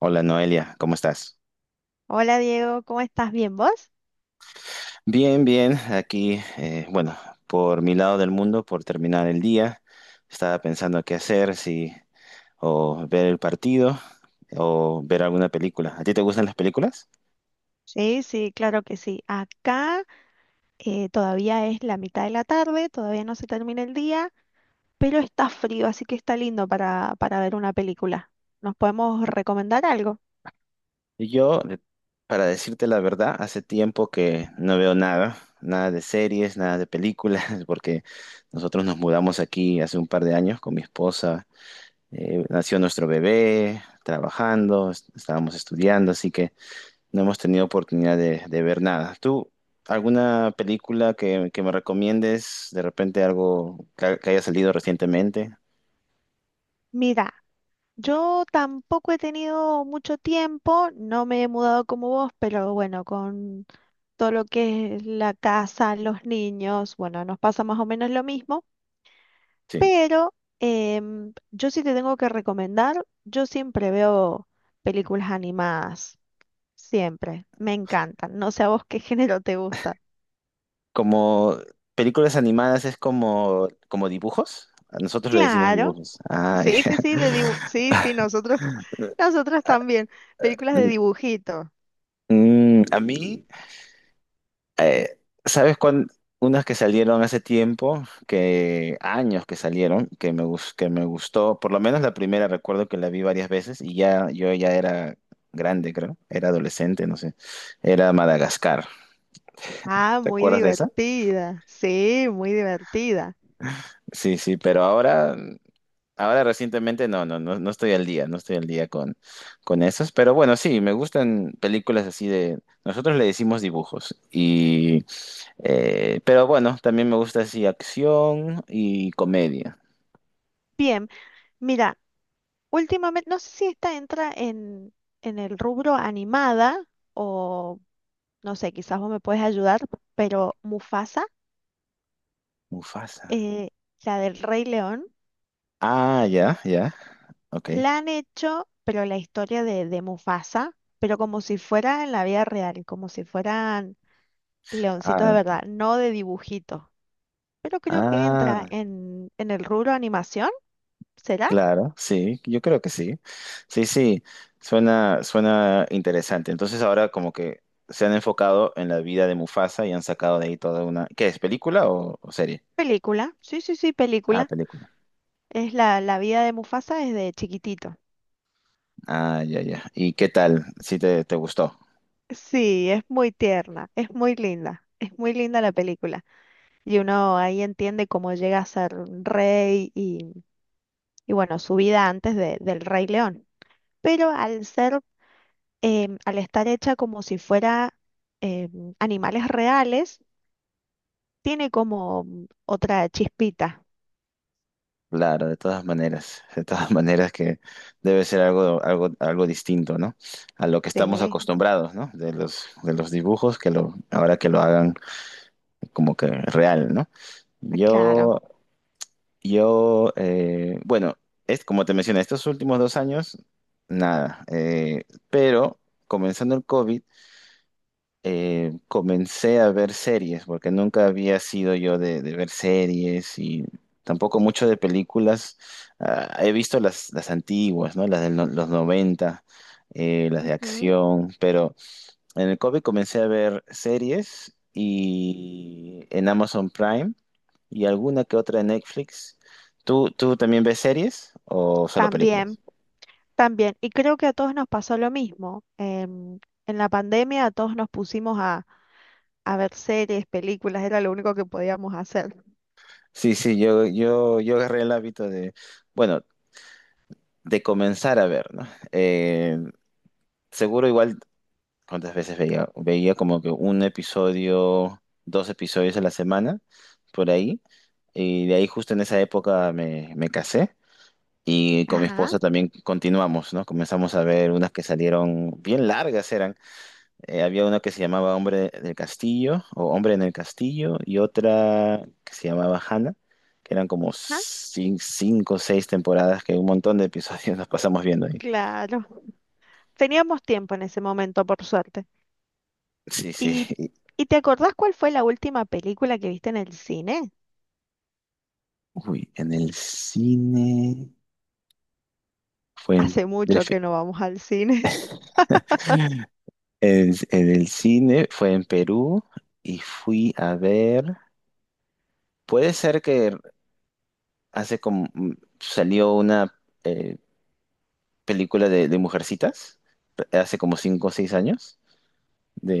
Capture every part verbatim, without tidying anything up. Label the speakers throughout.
Speaker 1: Hola Noelia, ¿cómo estás?
Speaker 2: Hola Diego, ¿cómo estás? ¿Bien vos?
Speaker 1: Bien, bien, aquí, eh, bueno, por mi lado del mundo, por terminar el día, estaba pensando qué hacer, si o ver el partido o ver alguna película. ¿A ti te gustan las películas?
Speaker 2: Sí, sí, claro que sí. Acá eh, todavía es la mitad de la tarde, todavía no se termina el día, pero está frío, así que está lindo para, para ver una película. ¿Nos podemos recomendar algo?
Speaker 1: Y Yo, de- para decirte la verdad, hace tiempo que no veo nada, nada de series, nada de películas, porque nosotros nos mudamos aquí hace un par de años con mi esposa, eh, nació nuestro bebé, trabajando, est- estábamos estudiando, así que no hemos tenido oportunidad de, de ver nada. ¿Tú, alguna película que, que me recomiendes? De repente algo que, que haya salido recientemente.
Speaker 2: Mira, yo tampoco he tenido mucho tiempo, no me he mudado como vos, pero bueno, con todo lo que es la casa, los niños, bueno, nos pasa más o menos lo mismo.
Speaker 1: Sí.
Speaker 2: Pero em, yo sí te tengo que recomendar, yo siempre veo películas animadas, siempre, me encantan. No sé a vos qué género te gusta.
Speaker 1: Como películas animadas es como, como dibujos. A nosotros le decimos
Speaker 2: Claro,
Speaker 1: dibujos. Ah,
Speaker 2: sí,
Speaker 1: ya.
Speaker 2: sí, sí, de dibu- sí, sí, nosotros, nosotros también, películas de dibujito.
Speaker 1: Mm, a mí. eh, ¿sabes cuán- Unas que salieron hace tiempo, que años que salieron, que me, gus- que me gustó, por lo menos la primera recuerdo que la vi varias veces y ya yo ya era grande, creo, era adolescente, no sé, era Madagascar.
Speaker 2: Ah,
Speaker 1: ¿Te
Speaker 2: muy
Speaker 1: acuerdas de esa?
Speaker 2: divertida, sí, muy divertida.
Speaker 1: Sí, sí, pero ahora ahora recientemente no, no, no, no estoy al día, no estoy al día con, con esos, pero bueno, sí, me gustan películas así de, nosotros le decimos dibujos, y, eh, pero bueno, también me gusta así acción y comedia.
Speaker 2: Bien, mira, últimamente, no sé si esta entra en, en el rubro animada o, no sé, quizás vos me puedes ayudar, pero Mufasa.
Speaker 1: Mufasa.
Speaker 2: eh, la del Rey León,
Speaker 1: Ah, ya, ya, ok.
Speaker 2: la han hecho, pero la historia de, de Mufasa, pero como si fuera en la vida real, como si fueran leoncitos de
Speaker 1: Ah,
Speaker 2: verdad, no de dibujito. Pero creo que entra
Speaker 1: ah,
Speaker 2: en, en el rubro animación, ¿será?
Speaker 1: claro, sí, yo creo que sí. Sí, sí, suena, suena interesante. Entonces ahora como que se han enfocado en la vida de Mufasa y han sacado de ahí toda una... ¿Qué es, película o o serie?
Speaker 2: Película, sí, sí, sí,
Speaker 1: Ah,
Speaker 2: película.
Speaker 1: película.
Speaker 2: Es la, la vida de Mufasa desde chiquitito.
Speaker 1: Ah, ya, ya. ¿Y qué tal? Si te, te gustó.
Speaker 2: Sí, es muy tierna, es muy linda, es muy linda la película. Y uno ahí entiende cómo llega a ser rey y, y bueno, su vida antes de- del Rey León. pero al ser, em, al estar hecha como si fuera em, animales reales, tiene como mm, otra chispita.
Speaker 1: Claro, de todas maneras, de todas maneras que debe ser algo, algo, algo distinto, ¿no? A lo que estamos
Speaker 2: Sí,
Speaker 1: acostumbrados, ¿no? De los, de los dibujos, que lo, ahora que lo hagan como que real, ¿no?
Speaker 2: claro.
Speaker 1: Yo, yo, eh, bueno, es como te mencioné, estos últimos dos años, nada. eh, pero comenzando el COVID, eh, comencé a ver series, porque nunca había sido yo de, de ver series y tampoco mucho de películas. Ah, he visto las, las antiguas, ¿no? Las de no, los noventa eh, las de
Speaker 2: Ujú.
Speaker 1: acción, pero en el COVID comencé a ver series y en Amazon Prime y alguna que otra en Netflix. ¿Tú, tú también ves series o solo
Speaker 2: También,
Speaker 1: películas?
Speaker 2: también. Y creo que a todos nos pasó lo mismo. Em, en la pandemia a todos nos pusimos a, a ver series, películas, era lo único que podíamos hacer.
Speaker 1: Sí, sí, yo, yo, yo agarré el hábito de, bueno, de comenzar a ver, ¿no? Eh, seguro igual, ¿cuántas veces veía? Veía como que un episodio, dos episodios a la semana, por ahí. Y de ahí justo en esa época me, me casé y con mi
Speaker 2: Ajá,
Speaker 1: esposa también continuamos, ¿no? Comenzamos a ver unas que salieron bien largas eran. Eh, había una que se llamaba Hombre del Castillo o Hombre en el Castillo y otra que se llamaba Hannah, que eran como
Speaker 2: ajá,
Speaker 1: cin- cinco o seis temporadas que un montón de episodios nos pasamos viendo ahí.
Speaker 2: claro. Teníamos tiempo en ese momento, por suerte.
Speaker 1: Sí, sí.
Speaker 2: ¿Y, y te acordás cuál fue la última película que viste en el cine?
Speaker 1: Uy, en el cine fue en,
Speaker 2: Hace
Speaker 1: de
Speaker 2: mucho
Speaker 1: fe-
Speaker 2: que no vamos al cine.
Speaker 1: en, en el cine fue en Perú y fui a ver. Puede ser que hace como mm, salió una eh, película de, de mujercitas eh, hace como cinco o seis años.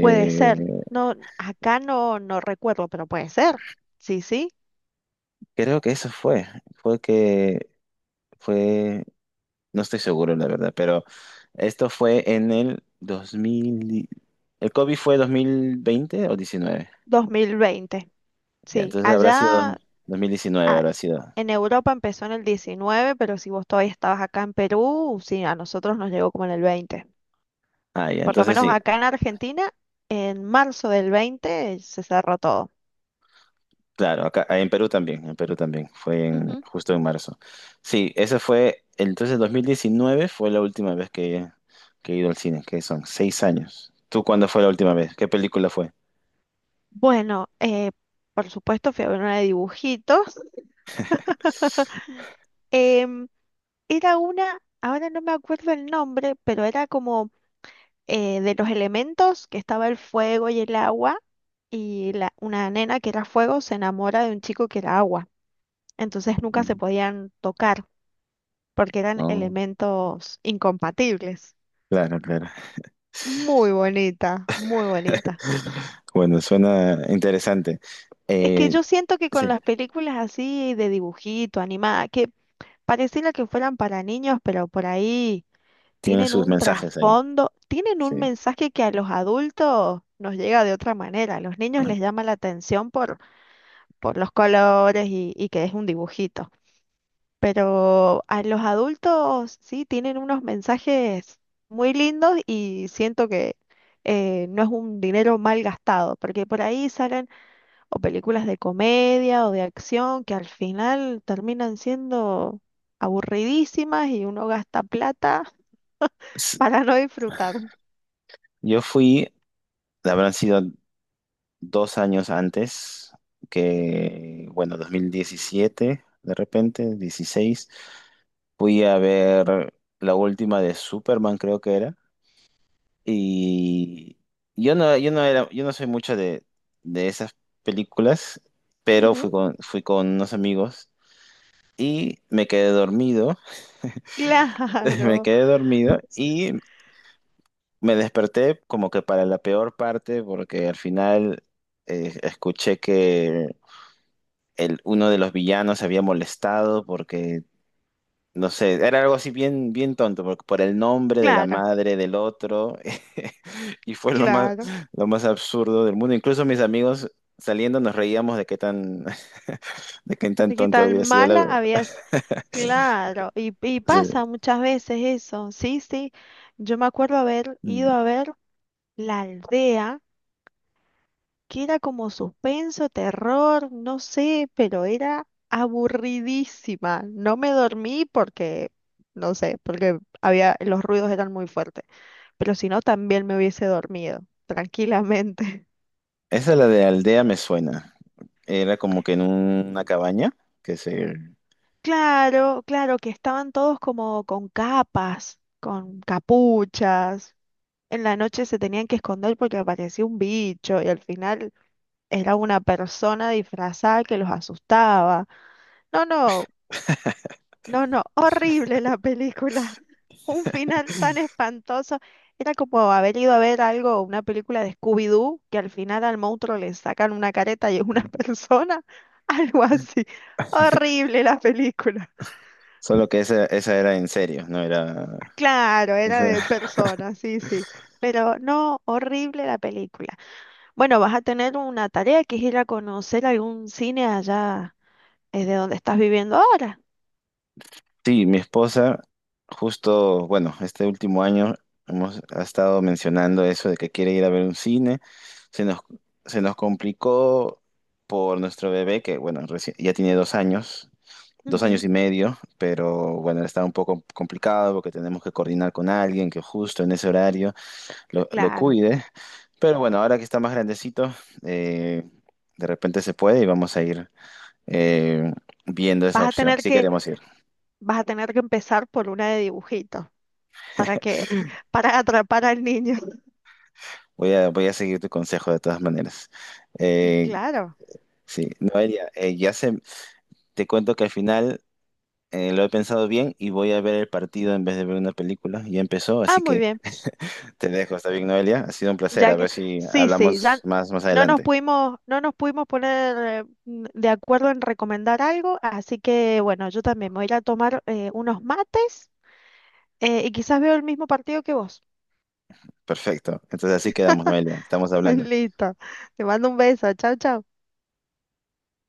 Speaker 2: Puede ser. No, acá no, no recuerdo, pero puede ser. Sí, sí.
Speaker 1: creo que eso fue. Fue que fue. No estoy seguro, la verdad, pero esto fue en el dos mil. y- El COVID fue dos mil veinte o diecinueve.
Speaker 2: dos mil veinte.
Speaker 1: Ya,
Speaker 2: Sí.
Speaker 1: entonces habrá sido dos-
Speaker 2: Allá
Speaker 1: 2019,
Speaker 2: ah,
Speaker 1: habrá sido.
Speaker 2: en Europa empezó en el diecinueve, pero si vos todavía estabas acá en Perú, sí, a nosotros nos llegó como en el veinte.
Speaker 1: Ah, ya,
Speaker 2: Por lo
Speaker 1: entonces
Speaker 2: menos
Speaker 1: sí,
Speaker 2: acá en Argentina, en marzo del veinte se cerró todo.
Speaker 1: claro, acá en Perú también, en Perú también, fue en,
Speaker 2: Ujú.
Speaker 1: justo en marzo. Sí, ese fue, entonces dos mil diecinueve fue la última vez que, que he ido al cine, que son seis años. ¿Tú cuándo fue la última vez? ¿Qué película fue?
Speaker 2: Bueno, eh, por supuesto fui a ver una de dibujitos. Em, Era una, ahora no me acuerdo el nombre, pero era como eh, de los elementos que estaba el fuego y el agua, y la, una nena que era fuego se enamora de un chico que era agua. Entonces nunca se
Speaker 1: Mm,
Speaker 2: podían tocar porque eran
Speaker 1: no,
Speaker 2: elementos incompatibles.
Speaker 1: claro, claro.
Speaker 2: Muy bonita, muy bonita.
Speaker 1: Bueno, suena interesante.
Speaker 2: Es que
Speaker 1: Eh,
Speaker 2: yo siento que
Speaker 1: sí,
Speaker 2: con las películas así de dibujito, animada, que pareciera que fueran para niños, pero por ahí
Speaker 1: tiene
Speaker 2: tienen
Speaker 1: sus
Speaker 2: un
Speaker 1: mensajes ahí.
Speaker 2: trasfondo, tienen
Speaker 1: Sí.
Speaker 2: un mensaje que a los adultos nos llega de otra manera. A los niños les llama la atención por, por los colores y, y que es un dibujito. Pero a los adultos sí tienen unos mensajes muy lindos y siento que eh, no es un dinero mal gastado, porque por ahí salen o películas de comedia o de acción que al final terminan siendo aburridísimas y uno gasta plata
Speaker 1: S-
Speaker 2: para no disfrutar.
Speaker 1: Yo fui, habrán sido dos años antes, que bueno, dos mil diecisiete, de repente, dieciséis, fui a ver la última de Superman, creo que era, y yo no, yo no era, yo no soy mucho de, de esas películas, pero fui
Speaker 2: Ujú.
Speaker 1: con, fui con unos amigos y me quedé dormido, me
Speaker 2: Claro,
Speaker 1: quedé dormido y me desperté como que para la peor parte, porque al final eh, escuché que el, uno de los villanos se había molestado porque, no sé, era algo así bien, bien tonto, porque por el nombre de la
Speaker 2: claro,
Speaker 1: madre del otro, y fue lo más,
Speaker 2: claro.
Speaker 1: lo más absurdo del mundo. Incluso mis amigos saliendo nos reíamos de qué tan, de qué tan
Speaker 2: De qué
Speaker 1: tonto
Speaker 2: tan
Speaker 1: había sido la
Speaker 2: mala
Speaker 1: verdad.
Speaker 2: habías. Claro, y, y
Speaker 1: Sí.
Speaker 2: pasa muchas veces eso. Sí, sí. Yo me acuerdo haber
Speaker 1: Mm.
Speaker 2: ido a ver La Aldea, que era como suspenso, terror, no sé, pero era aburridísima. No me dormí porque, no sé, porque había, los ruidos eran muy fuertes. Pero si no, también me hubiese dormido, tranquilamente.
Speaker 1: Esa la de aldea me suena. Era como que en una cabaña, que se...
Speaker 2: Claro, claro, que estaban todos como con capas, con capuchas. En la noche se tenían que esconder porque aparecía un bicho y al final era una persona disfrazada que los asustaba. No, no, no, no, horrible la película. Un final tan espantoso. Era como haber ido a ver algo, una película de Scooby-Doo, que al final al monstruo le sacan una careta y es una persona. Algo así. Horrible la película.
Speaker 1: Solo que esa, esa era en serio, no era...
Speaker 2: Claro, era de persona, sí, sí. Pero no, horrible la película. Bueno, vas a tener una tarea que es ir a conocer algún cine allá, es de donde estás viviendo ahora.
Speaker 1: Sí, mi esposa, justo, bueno, este último año hemos ha estado mencionando eso de que quiere ir a ver un cine. Se nos, se nos complicó por nuestro bebé, que bueno, reci- ya tiene dos años, dos años
Speaker 2: Ujú,
Speaker 1: y medio, pero bueno, está un poco complicado porque tenemos que coordinar con alguien que justo en ese horario lo, lo
Speaker 2: claro.
Speaker 1: cuide. Pero bueno, ahora que está más grandecito, eh, de repente se puede y vamos a ir eh, viendo esa
Speaker 2: Vas a
Speaker 1: opción,
Speaker 2: tener
Speaker 1: si
Speaker 2: que,
Speaker 1: queremos ir.
Speaker 2: vas a tener que empezar por una de dibujitos para que, para atrapar al niño.
Speaker 1: Voy a, voy a seguir tu consejo de todas maneras.
Speaker 2: Y
Speaker 1: Eh,
Speaker 2: claro.
Speaker 1: sí, Noelia, eh, ya se, te cuento que al final eh, lo he pensado bien y voy a ver el partido en vez de ver una película. Ya empezó,
Speaker 2: Ah,
Speaker 1: así
Speaker 2: muy
Speaker 1: que
Speaker 2: bien.
Speaker 1: te dejo. ¿Está bien, Noelia? Ha sido un placer.
Speaker 2: Ya
Speaker 1: A
Speaker 2: que,
Speaker 1: ver si
Speaker 2: sí, sí,
Speaker 1: hablamos
Speaker 2: ya
Speaker 1: más, más
Speaker 2: no nos
Speaker 1: adelante.
Speaker 2: pudimos, no nos pudimos poner eh, n- de acuerdo en recomendar algo, así que bueno, yo también me voy a ir a tomar eh, unos mates eh, y quizás veo el mismo partido que vos.
Speaker 1: Perfecto. Entonces así quedamos, Noelia. Estamos hablando.
Speaker 2: Listo, te mando un beso, chao, chao.